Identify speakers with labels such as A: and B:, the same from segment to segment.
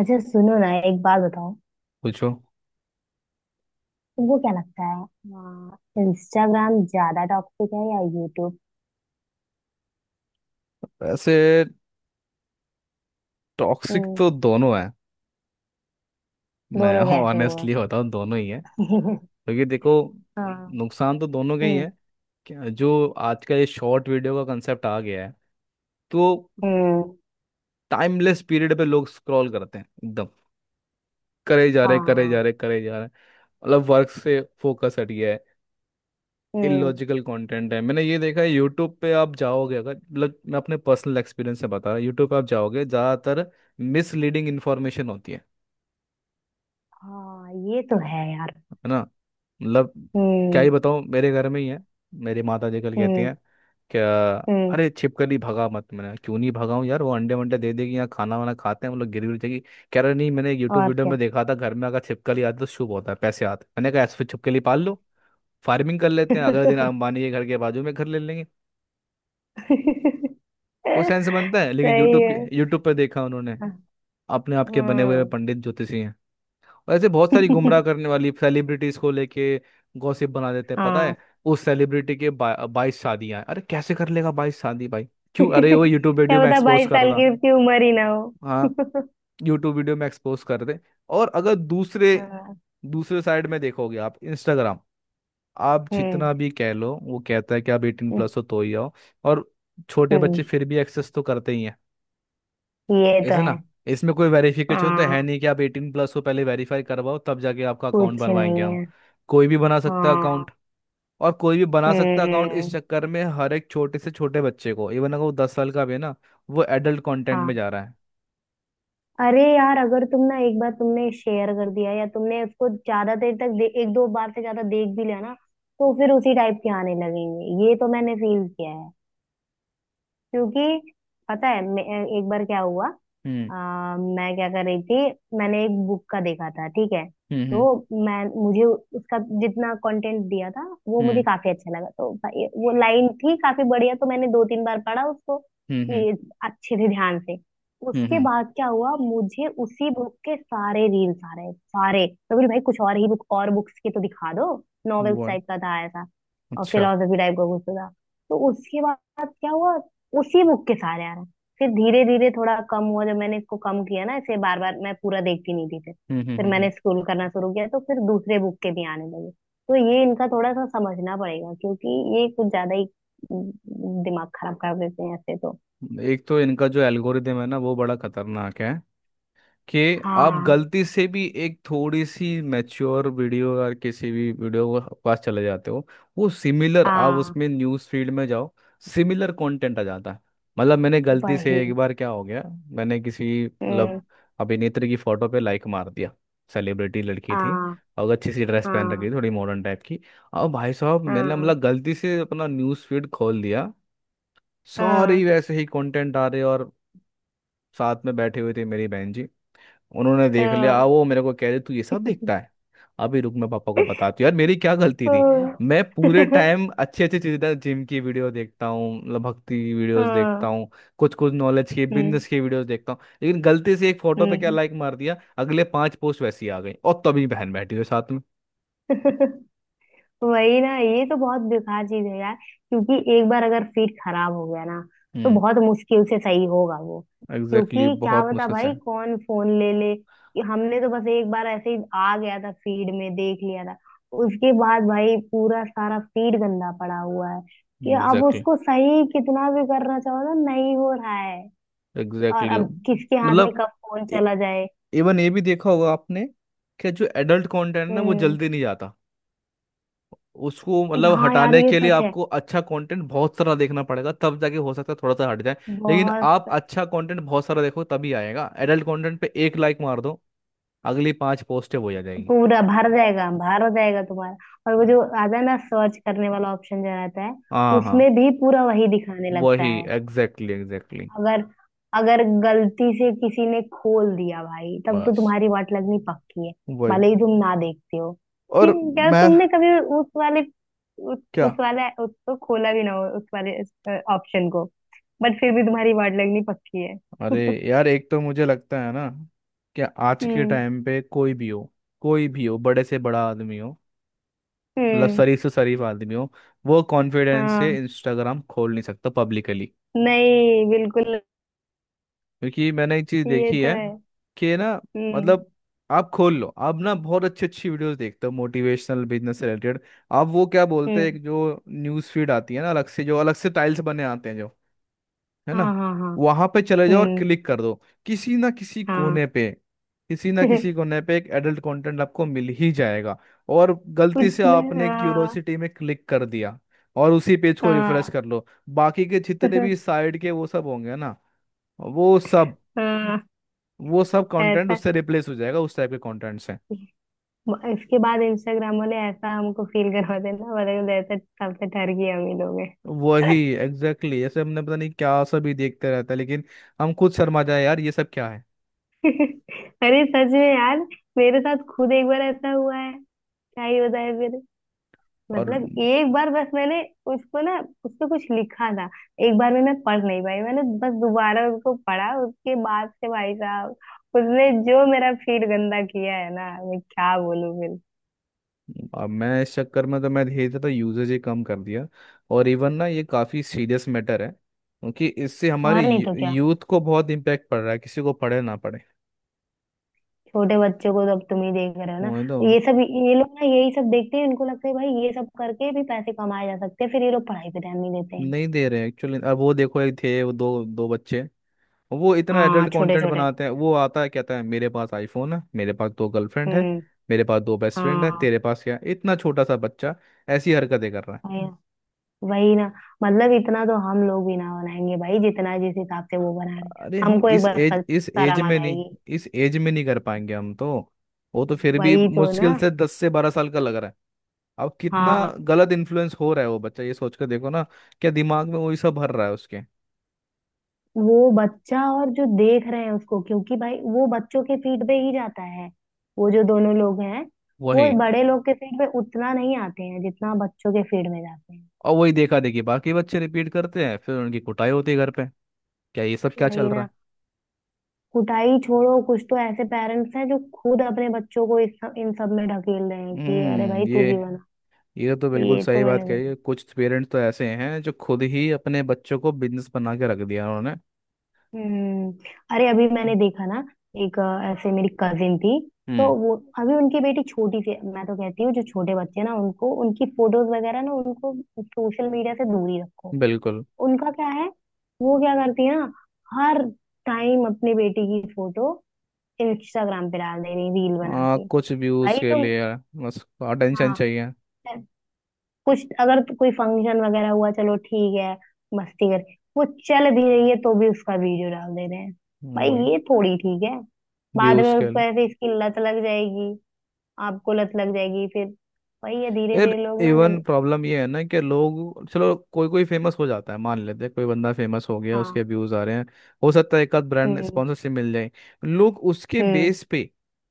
A: अच्छा सुनो ना, एक बात बताओ।
B: पूछो।
A: तुमको क्या लगता हाँ है, इंस्टाग्राम ज्यादा टॉक्सिक है या यूट्यूब?
B: वैसे टॉक्सिक
A: हम्म।
B: तो दोनों है। मैं
A: दोनों कैसे हुए?
B: ऑनेस्टली बताऊं दोनों ही है। क्योंकि देखो
A: हाँ।
B: नुकसान तो दोनों के ही
A: हम्म।
B: है। जो आज का ये शॉर्ट वीडियो का कंसेप्ट आ गया है तो
A: हम्म।
B: टाइमलेस पीरियड पे लोग स्क्रॉल करते हैं एकदम। करे जा रहे करे जा
A: हाँ।
B: रहे करे जा रहे। मतलब वर्क से फोकस हट गया है।
A: हम्म।
B: इलॉजिकल कंटेंट है। मैंने ये देखा है यूट्यूब पे आप जाओगे अगर मतलब मैं अपने पर्सनल एक्सपीरियंस से बता रहा हूँ। यूट्यूब पे आप जाओगे ज़्यादातर मिसलीडिंग इन्फॉर्मेशन होती है।
A: हाँ, ये तो है यार।
B: है ना। मतलब क्या
A: हम्म।
B: ही बताऊँ मेरे घर में ही है। मेरी माता जी कल कहती
A: हम्म।
B: हैं क्या।
A: हम्म।
B: अरे छिपकली भगा मत। मैंने कहा, क्यों नहीं भगाऊं यार वो अंडे वंडे दे देगी यहाँ खाना वाना खाते हैं हम लोग गिर गिर जाएगी। कह रहा नहीं मैंने यूट्यूब
A: और
B: वीडियो
A: क्या।
B: में देखा था घर में अगर छिपकली आती तो शुभ होता है पैसे आते। मैंने कहा ऐसे फिर छिपकली पाल लो फार्मिंग कर लेते हैं अगले दिन अंबानी के घर के बाजू में घर ले लेंगे। कोई सेंस बनता है। लेकिन
A: सही है।
B: यूट्यूब पर देखा उन्होंने।
A: हम्म,
B: अपने आप के बने हुए
A: हम्म।
B: पंडित ज्योतिषी हैं। वैसे बहुत सारी गुमराह करने वाली सेलिब्रिटीज को लेके गॉसिप बना देते हैं। पता है
A: हाँ।
B: उस सेलिब्रिटी के 22 शादियां हैं। अरे कैसे कर लेगा 22 शादी भाई। क्यों अरे वो यूट्यूब वीडियो
A: क्या
B: में
A: पता
B: एक्सपोज
A: बाईस
B: कर
A: साल
B: रहा।
A: की उसकी उम्र ही ना हो।
B: हाँ, यूट्यूब वीडियो में एक्सपोज कर दे। और अगर दूसरे
A: हाँ।
B: दूसरे साइड में देखोगे आप इंस्टाग्राम। आप
A: हम्म।
B: जितना भी कह लो वो कहता है कि आप 18+ हो तो ही आओ। और छोटे
A: हम्म।
B: बच्चे फिर भी एक्सेस तो करते ही
A: ये तो
B: ऐसे ना।
A: है।
B: इसमें कोई वेरिफिकेशन तो है
A: हाँ,
B: नहीं कि आप 18+ हो पहले वेरीफाई करवाओ तब जाके आपका अकाउंट
A: कुछ
B: बनवाएंगे
A: नहीं
B: हम।
A: है।
B: कोई भी बना सकता है
A: हाँ।
B: अकाउंट। और कोई भी बना सकता है अकाउंट। इस
A: हम्म।
B: चक्कर में हर एक छोटे से छोटे बच्चे को इवन अगर वो 10 साल का भी है ना वो एडल्ट कंटेंट में
A: हाँ।
B: जा रहा है।
A: अरे यार, अगर तुम ना एक बार तुमने शेयर कर दिया या तुमने उसको ज्यादा देर तक एक दो बार से ज्यादा देख भी लिया ना, तो फिर उसी टाइप के आने लगेंगे। ये तो मैंने फील किया है। क्योंकि पता है एक बार क्या हुआ। अ,
B: हम्म।
A: मैं क्या कर रही थी। मैंने एक बुक का देखा था, ठीक है। तो
B: हम्म।
A: मैं मुझे उसका जितना कंटेंट दिया था वो मुझे
B: हम्म।
A: काफी अच्छा लगा, तो भाई वो लाइन थी काफी बढ़िया। तो मैंने दो तीन बार पढ़ा उसको
B: हम्म। हम्म।
A: कि अच्छे से ध्यान से।
B: हम्म।
A: उसके
B: हम्म।
A: बाद क्या हुआ, मुझे उसी बुक के सारे रील्स आ रहे सारे। तो बोली भाई, कुछ और ही बुक और बुक्स के तो दिखा दो। नॉवेल्स
B: वो
A: टाइप का था ऐसा। और
B: अच्छा।
A: फिलोसफी टाइप का कुछ तो था। तो उसके बाद क्या हुआ, उसी बुक के सारे आ रहे। फिर धीरे धीरे थोड़ा कम हुआ जब मैंने इसको कम किया ना, ऐसे बार बार मैं पूरा देखती नहीं थी फिर।
B: हम्म। हम्म।
A: फिर
B: हम्म।
A: मैंने स्क्रॉल करना शुरू किया तो फिर दूसरे बुक के भी आने लगे। तो ये इनका थोड़ा सा समझना पड़ेगा क्योंकि ये कुछ ज्यादा ही उम, दिमाग खराब कर देते हैं ऐसे तो।
B: हम्म। एक तो इनका जो एल्गोरिदम है ना वो बड़ा खतरनाक है कि आप
A: हाँ।
B: गलती से भी एक थोड़ी सी मैच्योर वीडियो या किसी भी वीडियो के पास चले जाते हो। वो सिमिलर आप
A: हाँ।
B: उसमें न्यूज़ फीड में जाओ सिमिलर कंटेंट आ जाता है। मतलब मैंने गलती से
A: वही।
B: एक बार क्या हो गया। मैंने किसी मतलब
A: हम्म।
B: अभिनेत्री की फोटो पे लाइक मार दिया। सेलिब्रिटी लड़की थी
A: हाँ।
B: और अच्छी सी ड्रेस पहन रखी
A: हाँ।
B: थी थोड़ी मॉडर्न टाइप की। और भाई साहब मैंने
A: हाँ।
B: मतलब गलती से अपना न्यूज़ फीड खोल दिया। सारी
A: हाँ।
B: वैसे ही कंटेंट आ रहे। और साथ में बैठे हुए थे मेरी बहन जी। उन्होंने देख लिया
A: हाँ।
B: वो मेरे को कह रहे तू ये सब देखता है। अभी रुक मैं पापा को बताती हूँ। यार मेरी क्या गलती थी
A: हाँ।
B: मैं पूरे टाइम अच्छी अच्छी चीजें जिम की वीडियो देखता हूँ मतलब भक्ति की वीडियोस
A: हाँ,
B: देखता हूँ। कुछ कुछ नॉलेज की
A: हम्म।
B: बिजनेस की वीडियोस देखता हूँ लेकिन गलती से एक फोटो पे क्या
A: हम्म।
B: लाइक मार दिया अगले पांच पोस्ट वैसी आ गई और तभी बहन बैठी हुई साथ में।
A: वही ना, ये तो बहुत बेकार चीज है यार। क्योंकि एक बार अगर फीड खराब हो गया ना, तो
B: हम्म।
A: बहुत मुश्किल से सही होगा वो।
B: एग्जैक्टली
A: क्योंकि
B: exactly,
A: क्या
B: बहुत
A: बता
B: मुश्किल से।
A: भाई, कौन फोन ले ले कि हमने तो बस एक बार ऐसे ही आ गया था फीड में देख लिया था। उसके बाद भाई पूरा सारा फीड गंदा पड़ा हुआ है कि अब
B: एग्जैक्टली
A: उसको सही कितना भी करना चाहो ना, नहीं हो रहा है। और
B: एग्जैक्टली
A: अब किसके हाथ में
B: मतलब
A: कब फोन चला जाए।
B: इवन ये भी देखा होगा आपने कि जो एडल्ट कंटेंट ना वो
A: हम्म।
B: जल्दी नहीं जाता। उसको मतलब
A: हाँ यार,
B: हटाने
A: ये
B: के लिए
A: सच है।
B: आपको अच्छा कंटेंट बहुत सारा देखना पड़ेगा तब जाके हो सकता है थोड़ा सा हट जाए। लेकिन आप
A: बहुत।
B: अच्छा कंटेंट बहुत सारा देखो तभी आएगा। एडल्ट कंटेंट पे एक लाइक मार दो अगली पांच पोस्टें वही आ जाएगी।
A: पूरा भर जाएगा, भर हो जाएगा तुम्हारा। और वो जो आता है ना सर्च करने वाला ऑप्शन जो रहता है,
B: हाँ, हाँ,
A: उसमें भी पूरा वही दिखाने लगता
B: वही
A: है।
B: Exactly exactly.
A: अगर अगर गलती से किसी ने खोल दिया भाई, तब तो
B: बस
A: तुम्हारी वाट लगनी पक्की है।
B: वही।
A: भले ही तुम ना देखते हो। फिर
B: और
A: क्या
B: मैं
A: तुमने कभी उस वाले
B: क्या
A: उस वाला उसको खोला भी ना हो उस वाले ऑप्शन को। बट फिर भी तुम्हारी वाट लगनी पक्की है।
B: अरे यार एक तो मुझे लगता है ना कि आज के
A: हम्म।
B: टाइम पे कोई भी हो बड़े से बड़ा आदमी हो मतलब
A: हम्म।
B: शरीफ से शरीफ आदमी हो वो कॉन्फिडेंस से
A: हाँ,
B: इंस्टाग्राम खोल नहीं सकता पब्लिकली।
A: नहीं बिल्कुल।
B: क्योंकि मैंने एक चीज
A: ये
B: देखी
A: तो
B: है
A: है।
B: कि ना
A: हम्म।
B: मतलब आप खोल लो। आप ना बहुत अच्छी अच्छी वीडियोस देखते हो मोटिवेशनल बिजनेस से रिलेटेड। आप वो क्या बोलते हैं
A: हम्म।
B: एक जो न्यूज़ फीड आती है ना अलग से जो अलग से टाइल्स बने आते हैं जो है ना।
A: हाँ, हाँ, हाँ।
B: वहां पे चले जाओ और
A: हम्म।
B: क्लिक कर दो किसी ना किसी
A: हाँ।
B: कोने पे। किसी ना किसी कोने पे एक एडल्ट कंटेंट आपको मिल ही जाएगा। और गलती
A: कुछ
B: से
A: में
B: आपने
A: हाँ।
B: क्यूरोसिटी में क्लिक कर दिया और उसी पेज को रिफ्रेश
A: हाँ।
B: कर लो। बाकी के जितने भी साइड के वो सब होंगे ना वो सब
A: हाँ।
B: वो सब कंटेंट
A: ऐसा।
B: उससे रिप्लेस हो जाएगा उस टाइप के कंटेंट से।
A: इसके बाद इंस्टाग्राम वाले ऐसा हमको फील करवा देना, मतलब ऐसा तब से ठहर गए हम ही लोग हैं।
B: वही एग्जैक्टली, ऐसे हमने पता नहीं क्या सब ही देखते रहता है लेकिन हम खुद शर्मा जाए यार ये सब क्या है।
A: अरे सच में यार, मेरे साथ खुद एक बार ऐसा हुआ है। क्या ही बताए।
B: और
A: मतलब एक बार बस मैंने उसको ना, उस पे कुछ लिखा था। एक बार में मैं पढ़ नहीं पाई, मैंने बस दोबारा उसको पढ़ा। उसके बाद से भाई साहब, उसने जो मेरा फील गंदा किया है ना, मैं क्या बोलूं फिर।
B: अब मैं इस चक्कर में तो मैं धीरे धीरे यूजेज ही कम कर दिया। और इवन ना ये काफ़ी सीरियस मैटर है क्योंकि इससे हमारे
A: और नहीं तो क्या।
B: यूथ को बहुत इम्पैक्ट पड़ रहा है किसी को पढ़े ना पढ़े।
A: छोटे बच्चों को तो अब तुम ही देख रहे हो ना,
B: वो तो
A: ये सब। ये लोग ना यही सब देखते हैं, इनको लगता है भाई ये सब करके भी पैसे कमाए जा सकते हैं, फिर ये लोग पढ़ाई पे ध्यान नहीं देते हैं।
B: नहीं दे रहे एक्चुअली। अब वो देखो एक थे वो दो दो बच्चे वो इतना
A: हाँ
B: एडल्ट
A: छोटे
B: कंटेंट
A: छोटे।
B: बनाते हैं। वो आता है कहता है मेरे पास आईफोन है मेरे पास दो गर्लफ्रेंड है
A: हम्म।
B: मेरे पास दो बेस्ट फ्रेंड है
A: हाँ।
B: तेरे पास क्या है। इतना छोटा सा बच्चा ऐसी हरकतें कर रहा है।
A: भाई। वही ना। मतलब इतना तो हम लोग भी ना बनाएंगे भाई, जितना जिस हिसाब से वो बना रहे हैं।
B: अरे हम
A: हमको एक
B: इस
A: बार
B: एज
A: सच
B: इस एज
A: शर्म आ
B: में नहीं
A: जाएगी।
B: इस एज में नहीं कर पाएंगे हम तो। वो तो फिर भी
A: वही तो ना।
B: मुश्किल से 10 से 12 साल का लग रहा है। अब कितना
A: हाँ।
B: गलत इन्फ्लुएंस हो रहा है वो बच्चा ये सोच कर देखो ना। क्या दिमाग में वही सब भर रहा है उसके।
A: वो बच्चा और जो देख रहे हैं उसको, क्योंकि भाई वो बच्चों के फीड पे ही जाता है। वो जो दोनों लोग हैं वो
B: वही।
A: बड़े लोग के फीड पे उतना नहीं आते हैं, जितना बच्चों के फीड में जाते हैं।
B: और वही देखा देखी बाकी बच्चे रिपीट करते हैं फिर उनकी कुटाई होती है घर पे। क्या ये सब क्या
A: वही
B: चल रहा
A: ना।
B: है।
A: कुटाई छोड़ो, कुछ तो ऐसे पेरेंट्स हैं जो खुद अपने बच्चों को इन सब में ढकेल रहे हैं कि अरे
B: हम्म
A: भाई तू
B: ये
A: भी बना।
B: ये तो बिल्कुल
A: ये तो
B: सही बात
A: मैंने।
B: कही है। कुछ पेरेंट्स तो ऐसे हैं जो खुद ही अपने बच्चों को बिजनेस बना के रख दिया उन्होंने।
A: हम्म। अरे अभी मैंने देखा ना, ऐसे मेरी कजिन थी। तो
B: हम्म
A: वो, अभी उनकी बेटी छोटी सी है। मैं तो कहती हूँ जो छोटे बच्चे ना उनको, उनकी फोटोज वगैरह ना उनको सोशल मीडिया से दूर ही रखो।
B: बिल्कुल।
A: उनका क्या है, वो क्या करती है ना, हर टाइम अपनी बेटी की फोटो इंस्टाग्राम पे डाल दे रही रील बना के।
B: कुछ व्यूज
A: भाई
B: के
A: तुम।
B: लिए बस अटेंशन
A: हाँ।
B: चाहिए।
A: कुछ अगर तो कोई फंक्शन वगैरह हुआ चलो ठीक है, मस्ती कर। वो चल भी रही है तो भी उसका वीडियो डाल दे रहे हैं। भाई
B: वही
A: ये थोड़ी ठीक है। बाद
B: व्यूज
A: में
B: के
A: उसको
B: लिए।
A: ऐसे इसकी लत लग जाएगी। आपको लत लग जाएगी फिर। वही है, धीरे
B: यार
A: धीरे लोग ना
B: इवन
A: जब।
B: प्रॉब्लम ये है ना कि लोग चलो कोई कोई फेमस हो जाता है मान लेते हैं। कोई बंदा फेमस हो गया
A: हाँ।
B: उसके व्यूज आ रहे हैं हो सकता है एक आध ब्रांड
A: हम्म।
B: स्पॉन्सरशिप मिल जाए। लोग
A: हम्म।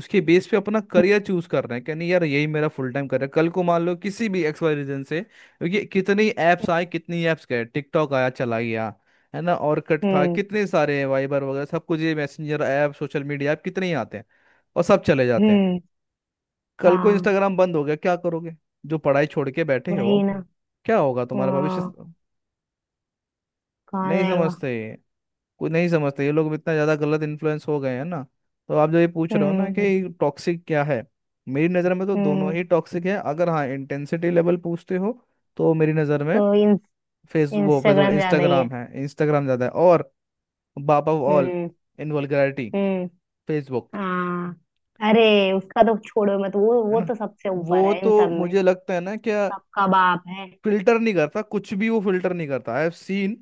B: उसके बेस पे अपना करियर
A: हम्म।
B: चूज कर रहे हैं कि नहीं यार यही मेरा फुल टाइम करियर। कल को मान लो किसी भी एक्स वाई रीजन से क्योंकि कितनी ऐप्स आए कितनी ऐप्स गए टिकटॉक आया चला गया। है ना और कट था
A: हम्म।
B: कितने सारे वाइबर वगैरह सब कुछ ये messenger app social media app कितने ही आते हैं और सब चले जाते हैं।
A: हम्म,
B: कल को
A: हाँ।
B: इंस्टाग्राम बंद हो गया क्या करोगे जो पढ़ाई छोड़ के बैठे
A: वही
B: हो।
A: ना।
B: क्या होगा तुम्हारा भविष्य।
A: हाँ, कहाँ
B: नहीं
A: जाएगा।
B: समझते कोई नहीं समझते। ये लोग इतना ज़्यादा गलत इन्फ्लुएंस हो गए हैं ना। तो आप जो ये पूछ रहे हो ना
A: हम्म।
B: कि टॉक्सिक क्या है मेरी नज़र में तो दोनों
A: हम्म।
B: ही टॉक्सिक है। अगर हाँ इंटेंसिटी लेवल पूछते हो तो मेरी नज़र में
A: तो इन
B: फेस वो फेसबुक
A: इंस्टाग्राम ज्यादा ही
B: इंस्टाग्राम
A: है।
B: है इंस्टाग्राम ज़्यादा है। और बाप ऑफ ऑल
A: हम्म।
B: इन वल्गैरिटी
A: हम्म।
B: फेसबुक।
A: हाँ, अरे उसका तो छोड़ो मत, वो
B: है
A: वो
B: ना।
A: तो सबसे ऊपर
B: वो
A: है इन
B: तो
A: सब में।
B: मुझे लगता है ना क्या
A: सबका बाप है।
B: फिल्टर नहीं करता कुछ भी वो फिल्टर नहीं करता आई हैव सीन।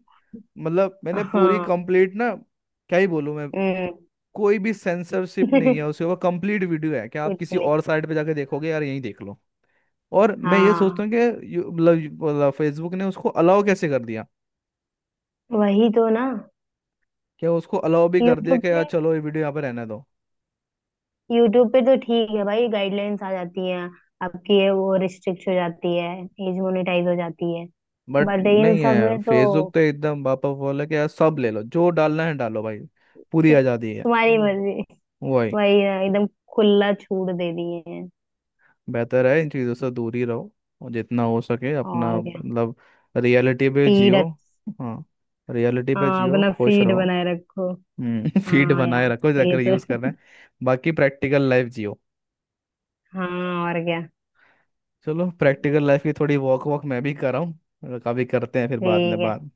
B: मतलब मैंने पूरी
A: हाँ।
B: कंप्लीट ना क्या ही बोलूं मैं।
A: हम्म।
B: कोई भी सेंसरशिप नहीं है उसके ऊपर कंप्लीट वीडियो है कि आप
A: कुछ
B: किसी
A: नहीं।
B: और साइट पे जाके देखोगे यार यहीं देख लो। और मैं ये
A: हाँ,
B: सोचता हूँ कि मतलब फेसबुक ने उसको अलाउ कैसे कर दिया।
A: वही तो ना।
B: क्या उसको अलाउ भी कर दिया
A: यूट्यूब
B: कि यार
A: पे
B: चलो ये वीडियो यहाँ पे रहने दो।
A: यूट्यूब पे तो ठीक है भाई, गाइडलाइंस आ जाती हैं, आपकी ये वो रिस्ट्रिक्ट हो जाती है, एज मोनेटाइज हो जाती है।
B: बट
A: बट इन
B: नहीं
A: सब
B: है
A: में तो।
B: फेसबुक तो एकदम बापा बोला कि यार सब ले लो जो डालना है डालो भाई। पूरी आज़ादी है।
A: तुम्हारी मर्जी।
B: वही।
A: वही है, एकदम खुला छूट दे दिए हैं।
B: बेहतर है इन चीज़ों से दूर ही रहो। और जितना हो सके
A: और
B: अपना
A: क्या,
B: मतलब रियलिटी पे
A: फीड।
B: जियो। हाँ, रियलिटी पे
A: हाँ,
B: जियो
A: अपना
B: खुश
A: फीड
B: रहो।
A: बनाए रखो।
B: फीड
A: हाँ
B: बनाए
A: यार,
B: रखो
A: ये
B: जाकर
A: तो
B: यूज़ कर रहे
A: है।
B: हैं बाकी प्रैक्टिकल लाइफ जियो।
A: हाँ और क्या।
B: चलो प्रैक्टिकल
A: सही है।
B: लाइफ की थोड़ी वॉक वॉक मैं भी कर रहा हूँ। कभी करते हैं फिर बाद में
A: ठीक है,
B: बात।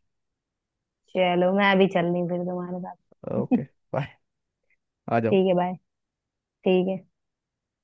A: चलो मैं अभी चल रही हूँ फिर तुम्हारे साथ।
B: ओके। बाय। आ जाओ।
A: ठीक है बाय। ठीक है।